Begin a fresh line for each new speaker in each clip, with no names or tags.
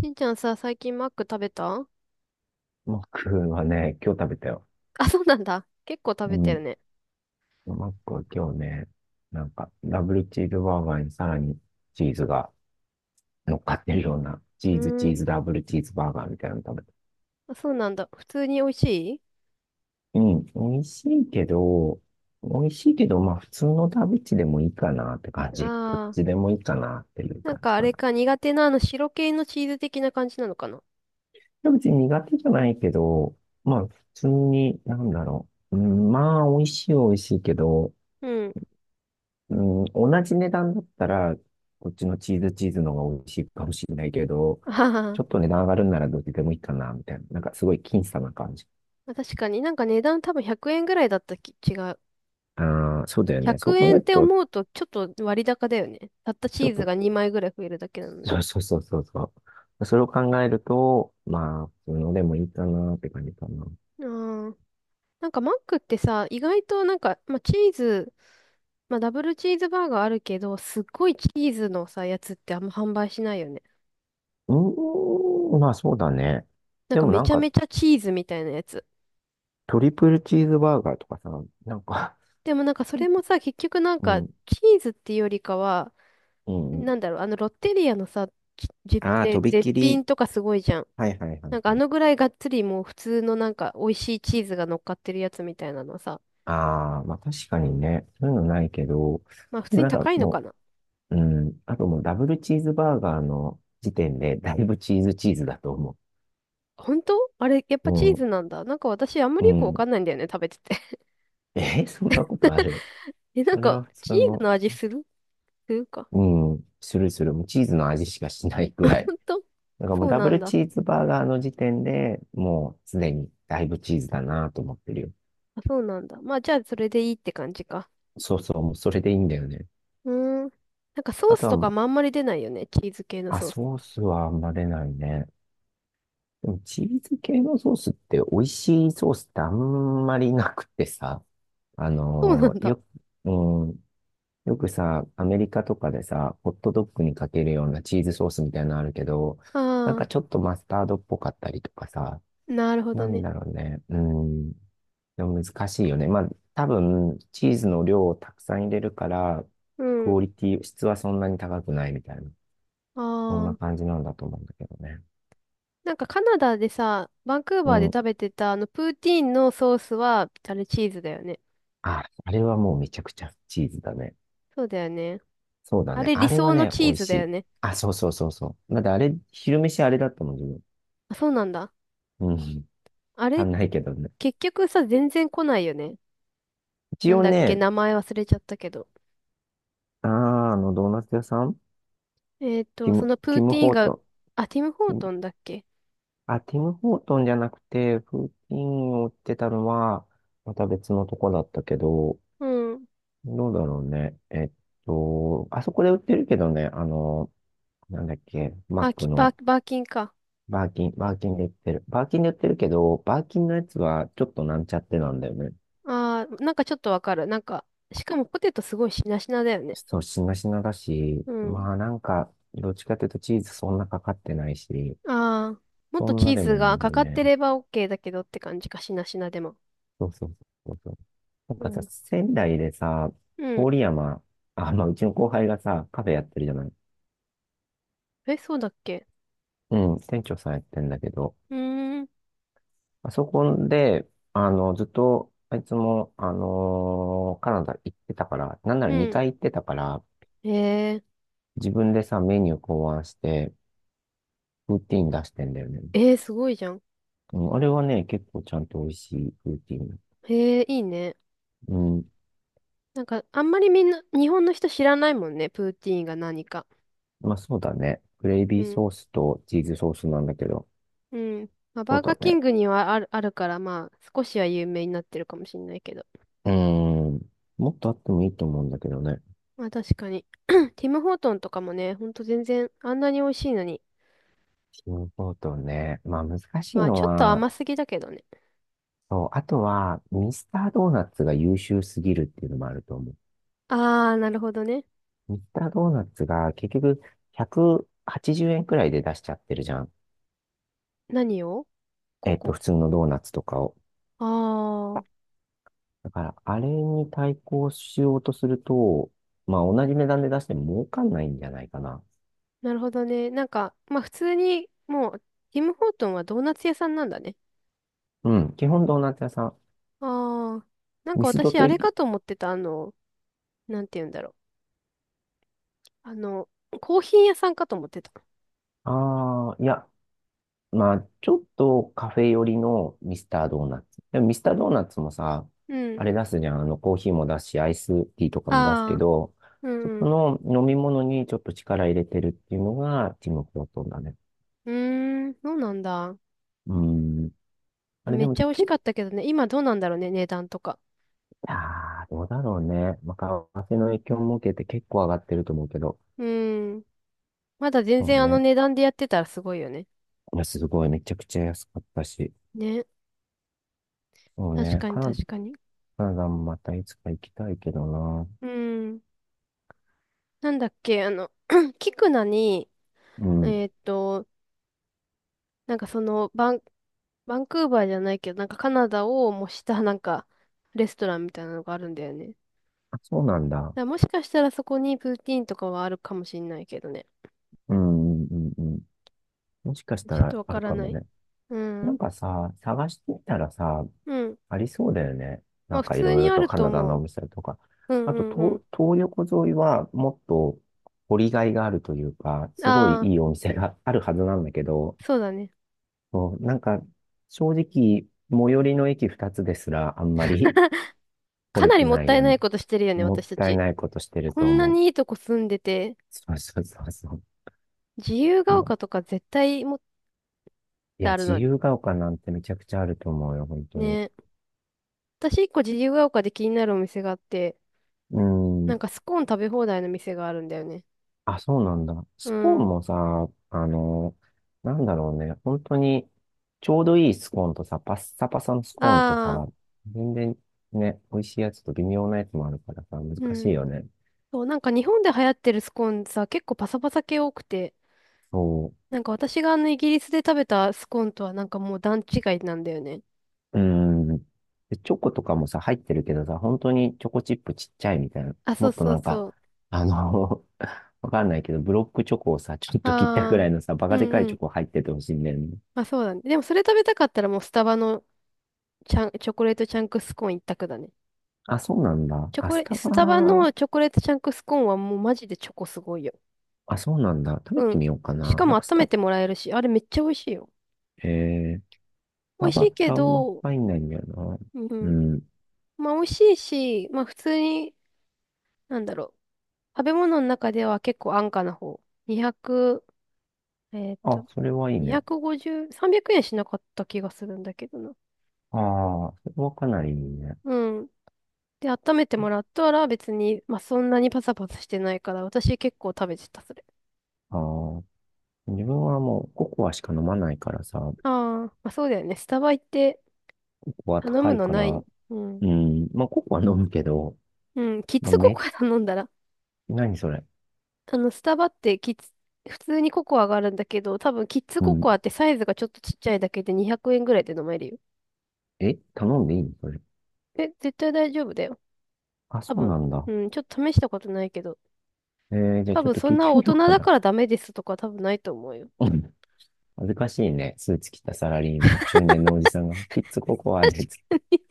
しんちゃんさ、最近マック食べた？
マックはね、今日食べたよ。
あ、そうなんだ。結構食
う
べてる
ん。
ね。
マックは今日ね、なんか、ダブルチーズバーガーにさらにチーズが乗っかってるような、チ
う
ーズチ
ー
ー
ん。
ズダブルチーズバーガーみたいなの食べた。
あ、そうなんだ。普通に美味しい。
うん。美味しいけど、美味しいけど、まあ普通のダブチでもいいかなって感じ。どっ
ああ
ちでもいいかなっていう
ー、なん
感
か
じ
あ
か
れ
な。
か、苦手なあの白系のチーズ的な感じなのかな？
ダブチ苦手じゃないけど、まあ普通に、なんだろう。うん、まあ美味しいは美味しいけど、
うん。
うん、同じ値段だったら、こっちのチーズチーズの方が美味しいかもしれないけど、
あはは。
ちょっと値段上がるんならどっちでもいいかな、みたいな。なんかすごい僅差な感じ。
まあ確かになんか値段多分100円ぐらいだったき、違う。
ああ、そうだよね。そ
100
う考
円
え
っ
る
て
と、
思うとちょっと割高だよね。たった
ちょ
チ
っ
ーズ
と、
が2枚ぐらい増えるだけなのに。
そうそうそうそうそう。それを考えると、まあ、普通のでもいいかなって感じかな。
ああ。なんかマックってさ、意外となんか、まあ、チーズ、まあ、ダブルチーズバーガーあるけど、すっごいチーズのさ、やつってあんま販売しないよね。
うーん、まあそうだね。
なん
で
か
も
め
なん
ちゃ
か、
めちゃチーズみたいなやつ。
トリプルチーズバーガーとかさ、なんか
でもなんかそ れもさ、結局なん
う
か、
ん、
チーズっていうよりかは、
うん、うん。
なんだろう、あのロッテリアのさ、ちじ
ああ、と
ぜ
び
絶
き
品
り。
とかすごいじゃん。
はいはいは
なん
い
かあ
はい。
のぐらいがっつりもう普通のなんか美味しいチーズが乗っかってるやつみたいなのさ、
ああ、まあ確かにね、そういうのないけど、
まあ普
で
通
も
に
なんか
高いのか
も
な。
う、うん、あともうダブルチーズバーガーの時点で、だいぶチーズチーズだと思
本当あれ、やっぱチー
う。
ズなんだ。なんか私あんま
う
りよく
ん、
わ
うん。
かんないんだよね、食べてて。
え、そんなことある？
え、なん
あれ
か、
は普通
チーズ
の、
の味する？するか。
うん、するする、もうチーズの味しかしないぐら
ほ
い。
んと。
なんかも
そ
う
う
ダ
な
ブ
ん
ル
だ。
チーズバーガーの時点でもうすでにだいぶチーズだなと思ってるよ。
あ、そうなんだ。まあ、じゃあ、それでいいって感じか。
そうそう、もうそれでいいんだよね。
うーん。なんか、ソー
あと
ス
は、
とか
ま
もあんまり出ないよね。チーズ系の
あ、
ソース。
ソースはあんま出ないね。でもチーズ系のソースって美味しいソースってあんまりなくてさ、あ
そうな
の
ん
ー
だ。
よ、うん、よくさ、アメリカとかでさ、ホットドッグにかけるようなチーズソースみたいなのあるけど、なん
あ
かちょっとマスタードっぽかったりとかさ、
あ、なるほ
な
ど
ん
ね。
だろうね、うん、でも難しいよね。まあ、多分、チーズの量をたくさん入れるから、
う
ク
ん。
オリティ、質はそんなに高くないみたいな、
あ
そんな
あ。
感じなんだと思うんだけどね。
なんか、カナダでさ、バンクー
う
バーで
ん。
食べてた、あの、プーティーンのソースは、あれ、チーズだよね。
あ、あれはもうめちゃくちゃチーズだね。
そうだよね。
そうだ
あ
ね。
れ、
あ
理
れは
想の
ね、美
チー
味
ズ
し
だよ
い。
ね。
あ、そうそうそうそう。まだってあれ、昼飯あれだったもん、自分。
あ、そうなんだ。
うん。
あ
足
れ、
んないけどね。
結局さ、全然来ないよね。
一
なん
応
だっけ、
ね、
名前忘れちゃったけど。
あー、ドーナツ屋さん
そのプ
テ
ー
ィム・
ティーン
ホー
が、
トン。
あ、ティム・ホ
テ
ー
ィム
トンだっけ？
ティム・ホートンじゃなくて、フーティンを売ってたのは、また別のとこだったけど、
うん。
どうだろうね。あそこで売ってるけどね、なんだっけ、マッ
あ、
ク
き、バ
の、
ー、バーキンか。
バーキンで売ってる。バーキンで売ってるけど、バーキンのやつはちょっとなんちゃってなんだよね。
あー、なんかちょっとわかる。なんか、しかもポテトすごいしなしなだよね。
そう、しなしなだし、
うん。
まあなんか、どっちかというとチーズそんなかかってないし、
あー、もっ
そ
と
ん
チ
な
ー
で
ズ
もない
が
んだ
か
よ
かって
ね。
れば OK だけどって感じか、しなしなでも。
そうそうそうそう。なん
う
かさ、
ん。
仙台でさ、
うん。
郡山、あ、まあうちの後輩がさ、カフェやってるじゃない。
え、そうだっけ？
うん、店長さんやってんだけど、
うーん。
あそこで、ずっと、あいつも、カナダ行ってたから、なんなら
うん。
2回行ってたから、
え
自分でさ、メニュー考案して、ルーティン出してんだよね。
ー、えー、すごいじゃん。
うん、あれはね、結構ちゃんと美味しいルーティン。
へえー、いいね。
うん。
なんか、あんまりみんな、日本の人知らないもんね、プーティーンが何か。
まあそうだね。グレイ
う
ビー
ん
ソースとチーズソースなんだけど。
うん。まあ、
そ
バ
う
ーガ
だ
ーキン
ね。
グにはある、あるから、まあ、少しは有名になってるかもしれないけど。
うん。もっとあってもいいと思うんだけどね。
まあ、確かに。ティム・ホートンとかもね、ほんと全然、あんなに美味しいのに。
チームポートね。まあ難しい
まあ、
の
ちょっと
は、
甘すぎだけどね。
そう、あとは、ミスタードーナツが優秀すぎるっていうのもあると思う。
あー、なるほどね。
ミスタードーナツが結局180円はちじゅうえんくらいで出しちゃってるじゃん。
何をここ。
普通のドーナツとかを。
あー、
だから、あれに対抗しようとすると、まあ、同じ値段で出しても儲かんないんじゃないかな。
なるほどね。なんか、まあ、普通に、もう、ティム・ホートンはドーナツ屋さんなんだね。
うん、基本ドーナツ屋さん。
あー、なんか
ミスド
私、あ
と
れ
い、
かと思ってた、あの、なんて言うんだろう。あの、コーヒー屋さんかと思ってた。
ああ、いや、まあ、ちょっとカフェ寄りのミスタードーナツ。でもミスタードーナツもさ、
うん。
あれ出すじゃん。コーヒーも出すし、アイスティーとかも出すけ
あ
ど、
ー。う
そ
ん。
この飲み物にちょっと力入れてるっていうのが、ティム・ホートンだね。
うーん、そうなんだ。
うん。あれ
め
で
っ
も、
ちゃ美味
ちょ
し
っ
かったけどね。今どうなんだろうね、値段とか。
いやー、どうだろうね。まあ、為替の影響も受けて結構上がってると思うけど。
うーん。まだ全
そう
然あの
ね。
値段でやってたらすごいよね。
いや、すごい。めちゃくちゃ安かったし。
ね。
そう
確
ね。
かに確かに。
カナダもまたいつか行きたいけどな。
うーん。なんだっけ、あの、キクナに、
う
え
ん。
ーっと、なんかその、バンクーバーじゃないけど、なんかカナダを模したなんか、レストランみたいなのがあるんだよね。だか
あ、そうなんだ。
らもしかしたらそこにプーティーンとかはあるかもしんないけどね。
うん、うん、うん。うん。もしかした
ちょっ
ら
とわ
あ
か
る
ら
かも
ない。
ね。
う
なん
ん。
かさ、探してみたらさ、
うん。
ありそうだよね。
ま
な
あ
ん
普
かい
通
ろい
に
ろ
あ
と
る
カ
と
ナダの
思
お
う。
店とか。
う
あと、
んうん。
東横沿いはもっと掘りがいがあるというか、すごい
あ
いいお店があるはずなんだけど、
あ、そうだね。
そう、なんか、正直、最寄りの駅二つですら、あんまり 来
か
れ
な
て
りもっ
ない
たい
よ
な
ね。
いことしてるよね、
もっ
私た
たい
ち。
ないことしてる
こ
と
んな
思う。
にいいとこ住んでて、
そうそうそうそ
自由
う。
が
まあ、
丘とか絶対もっ
い
て
や、
ある
自
のに。
由が丘なんてめちゃくちゃあると思うよ、本当に。
ね。私一個自由が丘で気になるお店があって、
う
な
ん。
んかスコーン食べ放題の店があるんだよね。
あ、そうなんだ。
う
スコーン
ん。
もさ、なんだろうね。本当に、ちょうどいいスコーンとさ、パッサパサのスコーンと
ああ、
さ、全然ね、美味しいやつと微妙なやつもあるからさ、難
う
しい
ん。
よね。
そう、なんか日本で流行ってるスコーンさ、結構パサパサ系多くて、
そう。
なんか私があのイギリスで食べたスコーンとはなんかもう段違いなんだよね。
うん。で、チョコとかもさ、入ってるけどさ、本当にチョコチップちっちゃいみたいな。
あ、そ
も
う
っと
そう
なんか、
そう。
あの わかんないけど、ブロックチョコをさ、ちょっと切ったぐ
あ
ら
あ、
いのさ、バ
う
カでかい
んう
チョ
ん。
コ入っててほしいんだよね。
まあそうだね。でもそれ食べたかったらもうスタバのチャン、チョコレートチャンクスコーン一択だね。
あ、そうなんだ。
チョ
あ、
コ
ス
レ、
タバ、
スタバのチョコレートチャンクスコーンはもうマジでチョコすごいよ。
あ、そうなんだ。食べ
う
て
ん。
みようか
し
な。
か
な
も
んか
温めてもらえるし、あれめっちゃ美味しいよ。
ス
美
タ
味し
バ
い
って
け
あんま
ど、
入んないんだよな。
う
う
ん。
ん。
まあ美味しいし、まあ普通に、なんだろう。食べ物の中では結構安価な方。200、えっと、
あ、それはいいね。
250、300円しなかった気がするんだけどな。
ああ、それはかなりいいね。
うん。で、温めてもらったら別に、まあ、そんなにパサパサしてないから、私結構食べてた、それ。
ああ、自分はもうココアしか飲まないからさ、コ
ああ、まあ、そうだよね。スタバ行って
コア
頼
高
む
い
の
か
ない。
ら、
うん。
うん。まあ、ココは飲むけど、
うん、キッ
まあ、
ズココア頼んだら。
何それ？
あの、スタバってキッズ、普通にココアがあるんだけど、多分キッズ
う
コ
ん。
コアってサイズがちょっとちっちゃいだけで200円ぐらいで飲めるよ。
え、頼んでいいのそれ？
え、絶対大丈夫だよ。
あ、
多
そう
分。
なんだ。
うん、ちょっと試したことないけど。
えー、じゃあ
多
ちょっ
分
と
そ
聞
ん
いて
な大
み
人
ようか
だ
な。
からダメですとか多分ないと思うよ。
うん。恥ずかしいね。スーツ着たサラリーマン、中年のおじさんが、キッズココアで、つって。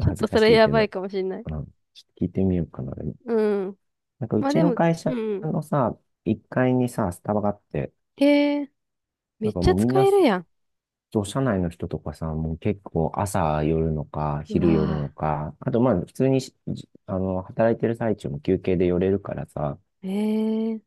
ちょっ
ず
と
か
そ
し
れ
い
や
け
ばい
ど。
かもしれない。
うん。ちょっと聞いてみようかな。でも
うん。
なんかう
まあ
ち
で
の
も、
会
う
社
ん。
のさ、1階にさ、スタバがあって、
えー、め
なん
っ
か
ちゃ
もうみん
使
な
えるやん。
そう、社内の人とかさ、もう結構朝寄るのか、
う
昼寄るの
わ
か、あとまあ普通にし、じあの、働いてる最中も休憩で寄れるからさ、
ぁ。えー、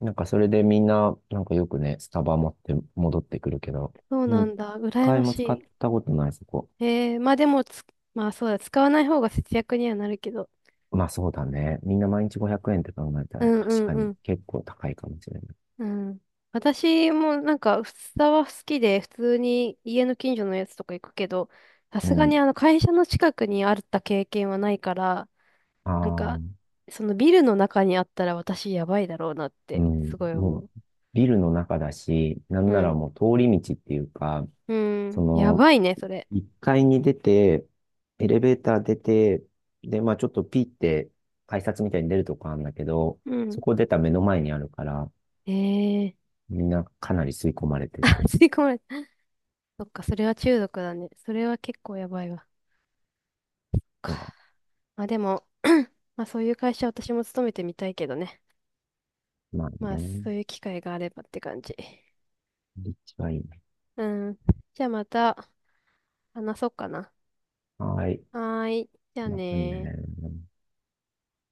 なんかそれでみんな、なんかよくね、スタバ持って戻ってくるけど、
そうな
一
んだ。羨
回
ま
も使っ
し
たことない、そこ。
い。えー、まあでもつ、まあそうだ、使わない方が節約にはなるけど。
まあそうだね。みんな毎日500円って考えた
う
ら
んう
確
ん
か
う
に
ん。
結構高いかもしれない。
うん。私もなんか、スタバ好きで、普通に家の近所のやつとか行くけど、さ
う
すがに
ん。
あの会社の近くにあった経験はないから、
あ
なん
あ、う
か、そのビルの中にあったら私やばいだろうなって、
ん。
すごい
も
思
う
う。
ビルの中だし、なん
う
なら
ん。
もう通り道っていうか、
う
そ
ん。や
の、
ばいね、それ。
1階に出て、エレベーター出て、で、まあちょっとピーって改札みたいに出るとこあるんだけど、
う
そ
ん。
こ出た目の前にあるから、
ええ
みんなかなり吸い込まれてて。
吸い込まれた。そっか、それは中毒だね。それは結構やばいわ。か。
そうだ。
まあでも、まあそういう会社私も勤めてみたいけどね。
まあ
まあ
ね。
そういう機会があればって感じ。
立地はいいね。
うん。じゃあまた話そうかな。
はーい。
はーい。じゃあ
また
ね
ね。
ー。